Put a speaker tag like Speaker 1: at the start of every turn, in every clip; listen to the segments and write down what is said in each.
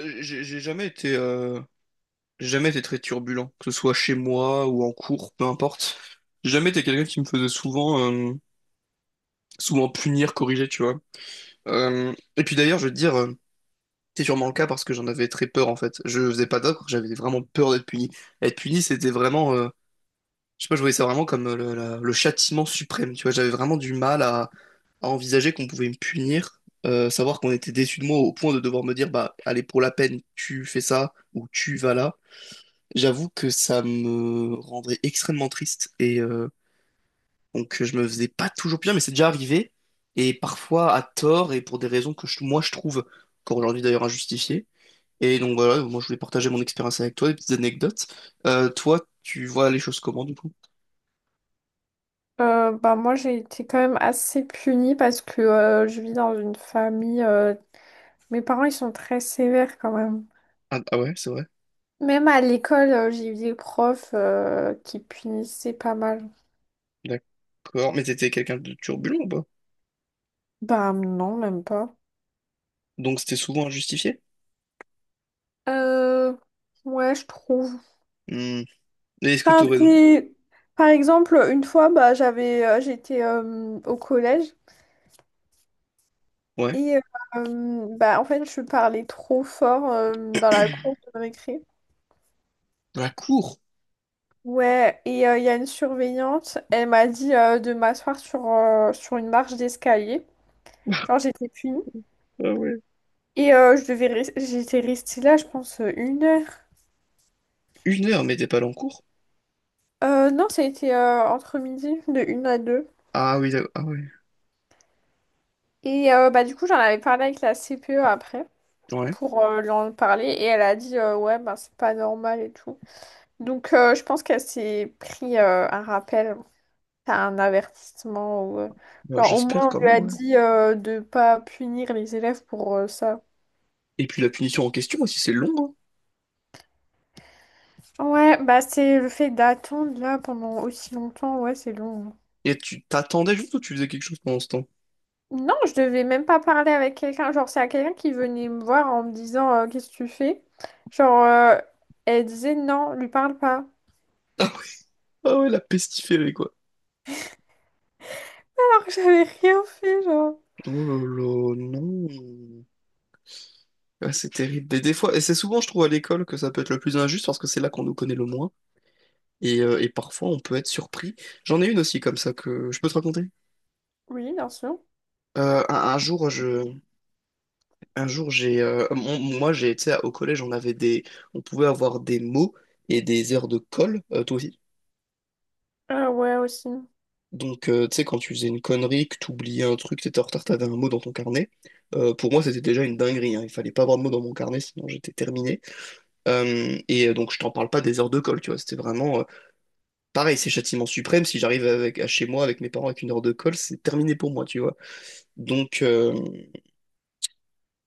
Speaker 1: J'ai jamais été, j'ai jamais été très turbulent, que ce soit chez moi ou en cours, peu importe. J'ai jamais été quelqu'un qui me faisait souvent, souvent punir, corriger, tu vois. Et puis d'ailleurs, je veux te dire, c'est sûrement le cas parce que j'en avais très peur en fait. Je faisais pas d'ocre, j'avais vraiment peur d'être puni. Être puni, c'était vraiment, je sais pas, je voyais ça vraiment comme le châtiment suprême, tu vois. J'avais vraiment du mal à envisager qu'on pouvait me punir, savoir qu'on était déçu de moi au point de devoir me dire, bah, allez, pour la peine, tu fais ça ou tu vas là. J'avoue que ça me rendrait extrêmement triste et donc je me faisais pas toujours plaisir, mais c'est déjà arrivé et parfois à tort et pour des raisons que moi je trouve encore aujourd'hui d'ailleurs injustifiées. Et donc voilà, moi je voulais partager mon expérience avec toi, des petites anecdotes. Toi, tu vois les choses comment du coup?
Speaker 2: Bah moi j'ai été quand même assez punie parce que je vis dans une famille, mes parents ils sont très sévères quand même.
Speaker 1: Ah, ah ouais, c'est vrai.
Speaker 2: Même à l'école, j'ai eu des profs, qui punissaient pas mal.
Speaker 1: D'accord. Mais t'étais quelqu'un de turbulent ou pas?
Speaker 2: Bah non même pas.
Speaker 1: Donc c'était souvent injustifié?
Speaker 2: Euh, ouais, je trouve.
Speaker 1: Hmm. Et est-ce que
Speaker 2: Enfin
Speaker 1: t'aurais...
Speaker 2: c'est, par exemple, une fois bah j'étais au collège
Speaker 1: Ouais.
Speaker 2: et, bah en fait je parlais trop fort, dans la cour de récré.
Speaker 1: La cour?
Speaker 2: Ouais, et il y a une surveillante, elle m'a dit, de m'asseoir sur une marche d'escalier. Genre, j'étais punie.
Speaker 1: Ah ouais.
Speaker 2: Et j'étais restée là, je pense, une heure.
Speaker 1: Une heure, mais t'es pas allé en cours?
Speaker 2: Non, ça a été, entre midi, de une à deux.
Speaker 1: Ah oui, d'accord. Ah ouais.
Speaker 2: Et bah, du coup, j'en avais parlé avec la CPE après
Speaker 1: Ouais.
Speaker 2: pour lui en parler. Et elle a dit, ouais, bah, c'est pas normal et tout. Donc, je pense qu'elle s'est pris, un rappel. T'as un avertissement ou,
Speaker 1: Bah,
Speaker 2: genre au
Speaker 1: j'espère
Speaker 2: moins on
Speaker 1: quand
Speaker 2: lui
Speaker 1: même,
Speaker 2: a
Speaker 1: ouais.
Speaker 2: dit, de pas punir les élèves pour, ça.
Speaker 1: Et puis la punition en question aussi, c'est long, hein.
Speaker 2: Ouais, bah c'est le fait d'attendre là pendant aussi longtemps, ouais, c'est long.
Speaker 1: Et tu t'attendais juste ou tu faisais quelque chose pendant ce temps?
Speaker 2: Non, je devais même pas parler avec quelqu'un. Genre, c'est à quelqu'un qui venait me voir en me disant, qu'est-ce que tu fais? Genre, elle disait non, lui parle pas.
Speaker 1: Ah ouais, la pestiférée, quoi.
Speaker 2: Alors que j'avais rien fait, genre.
Speaker 1: Oh là là, non. Ah, c'est terrible. Mais des fois, et c'est souvent, je trouve, à l'école que ça peut être le plus injuste parce que c'est là qu'on nous connaît le moins. Et parfois, on peut être surpris. J'en ai une aussi comme ça que je peux te raconter.
Speaker 2: Oui, bien sûr.
Speaker 1: Un jour, je, un jour, j'ai, moi, j'ai, tu sais, au collège, on avait des, on pouvait avoir des mots et des heures de colle. Toi aussi?
Speaker 2: Ah ouais, aussi.
Speaker 1: Donc, tu sais, quand tu faisais une connerie, que tu oubliais un truc, t'étais en retard, t'avais un mot dans ton carnet. Pour moi, c'était déjà une dinguerie, hein. Il fallait pas avoir de mot dans mon carnet, sinon j'étais terminé. Donc, je t'en parle pas des heures de colle, tu vois. C'était vraiment pareil, c'est châtiment suprême. Si j'arrive avec à chez moi avec mes parents avec 1 heure de colle, c'est terminé pour moi, tu vois. Donc, euh,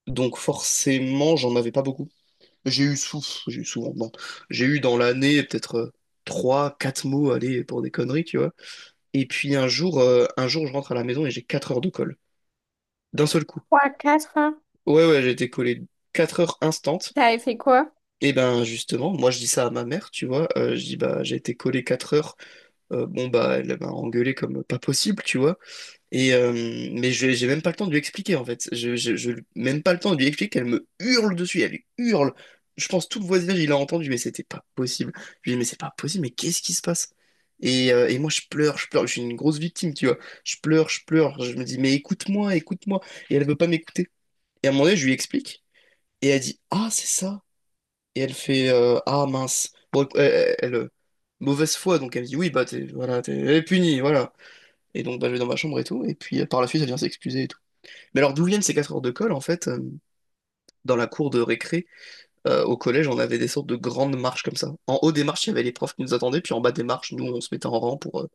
Speaker 1: donc forcément, j'en avais pas beaucoup. J'ai eu souvent, bon, j'ai eu dans l'année peut-être trois, quatre mots, allez, pour des conneries, tu vois. Et puis un jour, un jour, je rentre à la maison et j'ai 4 heures de colle. D'un seul coup.
Speaker 2: 3, 4.
Speaker 1: Ouais, ouais, j'ai été collé 4 heures instantes.
Speaker 2: T'avais fait quoi?
Speaker 1: Et ben justement, moi je dis ça à ma mère, tu vois. Je dis bah j'ai été collé 4 heures. Bon bah elle m'a engueulé comme pas possible, tu vois. Et euh, mais j'ai même pas le temps de lui expliquer en fait. Même pas le temps de lui expliquer. Elle me hurle dessus, elle hurle. Je pense tout le voisinage il a entendu, mais c'était pas possible. Je lui dis mais c'est pas possible, mais qu'est-ce qui se passe? Et moi je pleure, je pleure, je suis une grosse victime, tu vois. Je pleure, je pleure, je me dis mais écoute-moi, écoute-moi. Et elle veut pas m'écouter. Et à un moment donné, je lui explique. Et elle dit, ah, c'est ça. Et elle fait, ah, mince. Bon, elle, mauvaise foi, donc elle me dit, oui, bah, t'es, voilà, t'es elle est punie, voilà. Et donc, bah, je vais dans ma chambre et tout. Et puis, par la suite, elle vient s'excuser et tout. Mais alors, d'où viennent ces 4 heures de colle, en fait, dans la cour de récré, au collège, on avait des sortes de grandes marches comme ça. En haut des marches, il y avait les profs qui nous attendaient, puis en bas des marches, nous, on se mettait en rang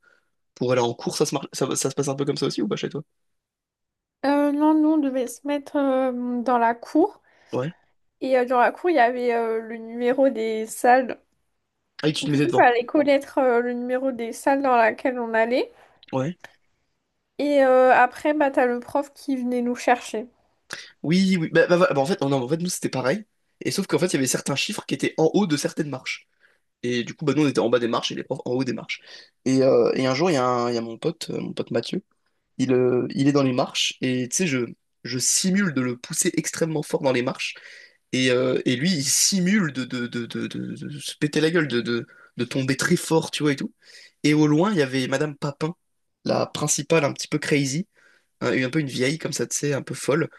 Speaker 1: pour aller en cours. Ça se passe un peu comme ça aussi, ou pas chez toi?
Speaker 2: Non, nous, on devait se mettre, dans la cour.
Speaker 1: Ouais.
Speaker 2: Et dans la cour, il y avait, le numéro des salles.
Speaker 1: Ah, et tu te
Speaker 2: Du
Speaker 1: mettais
Speaker 2: coup, il
Speaker 1: devant.
Speaker 2: fallait connaître, le numéro des salles dans laquelle on allait.
Speaker 1: Ouais.
Speaker 2: Et après, bah, t'as le prof qui venait nous chercher.
Speaker 1: Oui, oui. En fait, non, non, en fait, nous, c'était pareil. Et sauf qu'en fait, il y avait certains chiffres qui étaient en haut de certaines marches. Et du coup, bah, nous, on était en bas des marches et les profs en haut des marches. Et un jour, il y a, il y a mon pote Mathieu, il est dans les marches et tu sais, je simule de le pousser extrêmement fort dans les marches. Et lui, il simule de se péter la gueule, de tomber très fort, tu vois, et tout. Et au loin, il y avait Madame Papin, la principale un petit peu crazy, hein, un peu une vieille comme ça, tu sais, un peu folle.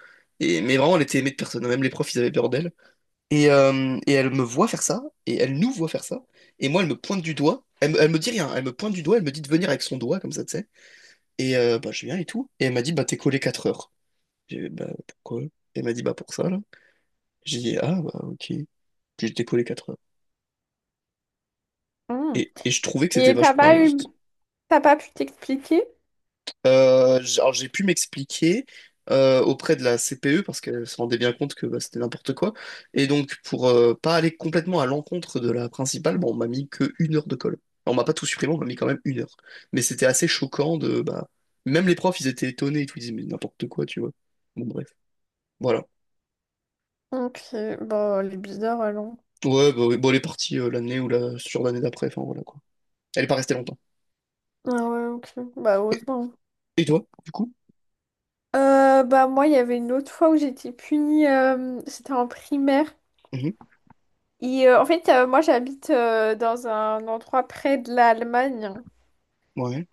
Speaker 1: Et, mais vraiment, elle était aimée de personne. Même les profs, ils avaient peur d'elle. Et elle me voit faire ça, et elle nous voit faire ça, et moi elle me pointe du doigt, elle me dit rien, elle me pointe du doigt, elle me dit de venir avec son doigt comme ça, tu sais. Bah je viens et tout, et elle m'a dit bah t'es collé 4 heures. J'ai dit bah pourquoi? Elle m'a dit bah pour ça là. J'ai dit ah bah ok, puis j'étais collé 4 heures.
Speaker 2: Hmm.
Speaker 1: Et je trouvais que c'était
Speaker 2: Et
Speaker 1: vachement injuste.
Speaker 2: t'as pas pu t'expliquer?
Speaker 1: Alors j'ai pu m'expliquer auprès de la CPE parce qu'elle se rendait bien compte que bah, c'était n'importe quoi. Et donc pour pas aller complètement à l'encontre de la principale, bah, on m'a mis que 1 heure de colle. Alors, on m'a pas tout supprimé, on m'a mis quand même 1 heure. Mais c'était assez choquant de bah même les profs ils étaient étonnés et tout, ils disaient mais n'importe quoi tu vois. Bon bref, voilà.
Speaker 2: Ok, bah, elle est bizarre, alors.
Speaker 1: Ouais bah, oui, bon elle est partie l'année ou la sur l'année d'après, enfin voilà quoi. Elle est pas restée longtemps.
Speaker 2: Ah ouais, ok. Bah,
Speaker 1: Et
Speaker 2: heureusement.
Speaker 1: et toi, du coup?
Speaker 2: Bah, moi, il y avait une autre fois où j'étais punie. C'était en primaire.
Speaker 1: Mhm.
Speaker 2: Et en fait, moi, j'habite, dans un endroit près de l'Allemagne.
Speaker 1: Ouais,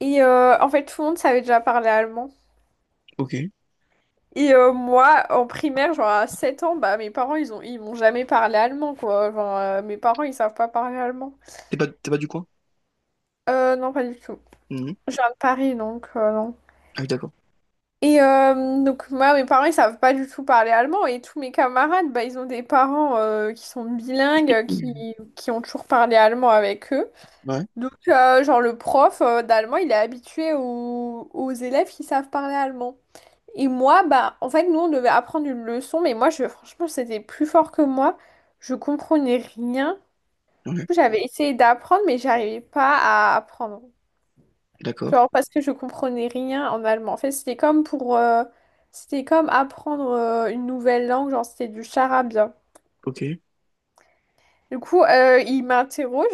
Speaker 2: Et en fait, tout le monde savait déjà parler allemand.
Speaker 1: ok.
Speaker 2: Et moi, en primaire, genre à 7 ans, bah mes parents, ils m'ont jamais parlé allemand, quoi. Genre, mes parents, ils savent pas parler allemand.
Speaker 1: T'es pas du coin?
Speaker 2: Non, pas du tout.
Speaker 1: Mhm.
Speaker 2: Je viens de Paris, donc, non.
Speaker 1: Ah oui, d'accord.
Speaker 2: Et donc, moi, mes parents, ils savent pas du tout parler allemand. Et tous mes camarades, bah, ils ont des parents, qui sont bilingues, qui,
Speaker 1: Mhm.
Speaker 2: qui ont toujours parlé allemand avec eux.
Speaker 1: Ouais,
Speaker 2: Donc, genre, le prof, d'allemand, il est habitué aux élèves qui savent parler allemand. Et moi, bah, en fait, nous, on devait apprendre une leçon, mais moi, je, franchement, c'était plus fort que moi. Je comprenais rien.
Speaker 1: ouais.
Speaker 2: J'avais essayé d'apprendre, mais j'arrivais pas à apprendre.
Speaker 1: D'accord,
Speaker 2: Genre, parce que je comprenais rien en allemand. En fait, c'était comme apprendre, une nouvelle langue, genre, c'était du charabia.
Speaker 1: ok.
Speaker 2: Du coup, il m'interroge,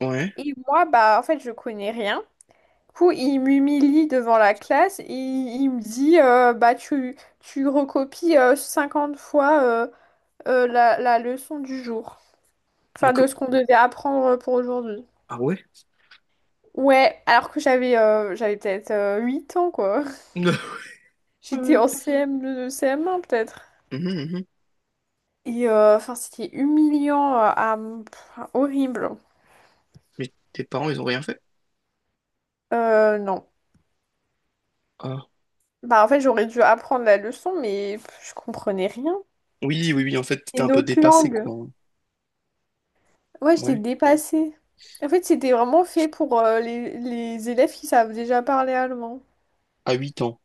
Speaker 1: Ouais.
Speaker 2: et moi, bah, en fait, je connais rien. Du coup, il m'humilie devant la classe, et il me dit, bah, tu recopies, 50 fois, la leçon du jour.
Speaker 1: Mais
Speaker 2: Enfin,
Speaker 1: co-
Speaker 2: de ce qu'on devait apprendre pour aujourd'hui.
Speaker 1: Ah ouais?
Speaker 2: Ouais, alors que j'avais peut-être, 8 ans, quoi. J'étais
Speaker 1: Ouais.
Speaker 2: en CM2, CM1 peut-être.
Speaker 1: Mhm, mhm.
Speaker 2: Et enfin, c'était humiliant, pff, horrible.
Speaker 1: Mais tes parents, ils ont rien fait?
Speaker 2: Non.
Speaker 1: Ah.
Speaker 2: Bah, en fait, j'aurais dû apprendre la leçon, mais pff, je comprenais rien.
Speaker 1: Oui, oui, oui, en fait, t'étais
Speaker 2: Et
Speaker 1: un peu
Speaker 2: notre
Speaker 1: dépassé,
Speaker 2: langue.
Speaker 1: quoi, hein.
Speaker 2: Ouais, j'étais
Speaker 1: Ouais.
Speaker 2: dépassée. En fait, c'était vraiment fait pour, les élèves qui savent déjà parler allemand.
Speaker 1: À 8 ans.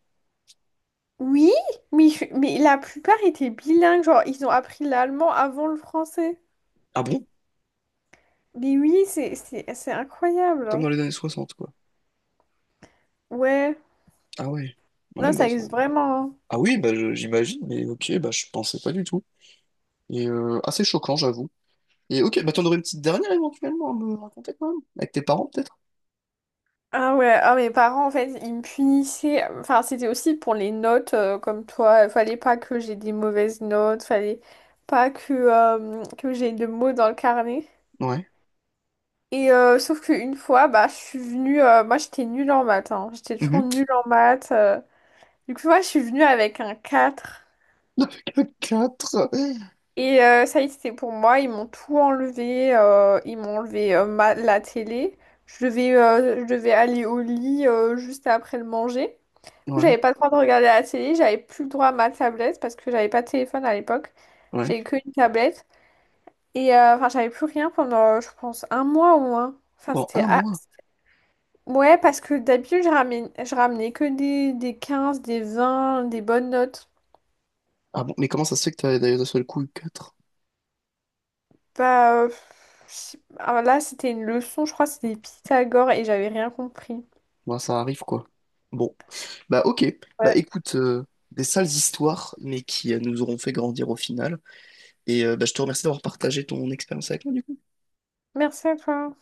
Speaker 2: Oui, mais, mais la plupart étaient bilingues, genre ils ont appris l'allemand avant le français.
Speaker 1: Ah bon?
Speaker 2: Mais oui, c'est incroyable,
Speaker 1: Comme
Speaker 2: hein.
Speaker 1: dans les années soixante quoi.
Speaker 2: Ouais,
Speaker 1: Ah ouais. Ouais,
Speaker 2: non,
Speaker 1: bah...
Speaker 2: ça
Speaker 1: ça-
Speaker 2: existe vraiment, hein.
Speaker 1: Ah oui, j'imagine, mais ok, bah je pensais pas du tout. Assez choquant, j'avoue. Et ok, bah t'en aurais une petite dernière éventuellement à me raconter quand même? Avec tes parents, peut-être?
Speaker 2: Ah ouais, ah, mes parents en fait, ils me punissaient. Enfin, c'était aussi pour les notes, comme toi. Il fallait pas que j'ai des mauvaises notes, fallait pas que j'ai de mots dans le carnet.
Speaker 1: Ouais.
Speaker 2: Et sauf qu'une fois, bah, je suis venue, moi j'étais nulle en maths, hein. J'étais toujours
Speaker 1: Mhm.
Speaker 2: nulle en maths. Du coup, moi, je suis venue avec un 4.
Speaker 1: Avec le 4.
Speaker 2: Et ça y est, c'était pour moi. Ils m'ont tout enlevé. Ils m'ont enlevé, la télé. Je devais aller au lit, juste après le manger. Du coup,
Speaker 1: Ouais,
Speaker 2: j'avais pas le droit de regarder la télé. J'avais plus le droit à ma tablette parce que j'avais pas de téléphone à l'époque.
Speaker 1: ouais.
Speaker 2: J'avais que une tablette. Et enfin, j'avais plus rien pendant, je pense, un mois au moins. Enfin,
Speaker 1: Bon,
Speaker 2: c'était...
Speaker 1: un
Speaker 2: ah.
Speaker 1: mois.
Speaker 2: Ouais, parce que d'habitude, je ramenais que des 15, des 20, des bonnes notes.
Speaker 1: Ah bon, mais comment ça se fait que t'as d'ailleurs d'un seul coup eu 4?
Speaker 2: Bah, ah, là, c'était une leçon, je crois, c'était Pythagore et j'avais rien compris.
Speaker 1: Bon, ça arrive quoi. Bon. Bah ok. Bah
Speaker 2: Ouais.
Speaker 1: écoute, des sales histoires, mais qui nous auront fait grandir au final. Bah, je te remercie d'avoir partagé ton expérience avec moi du coup.
Speaker 2: Merci à toi.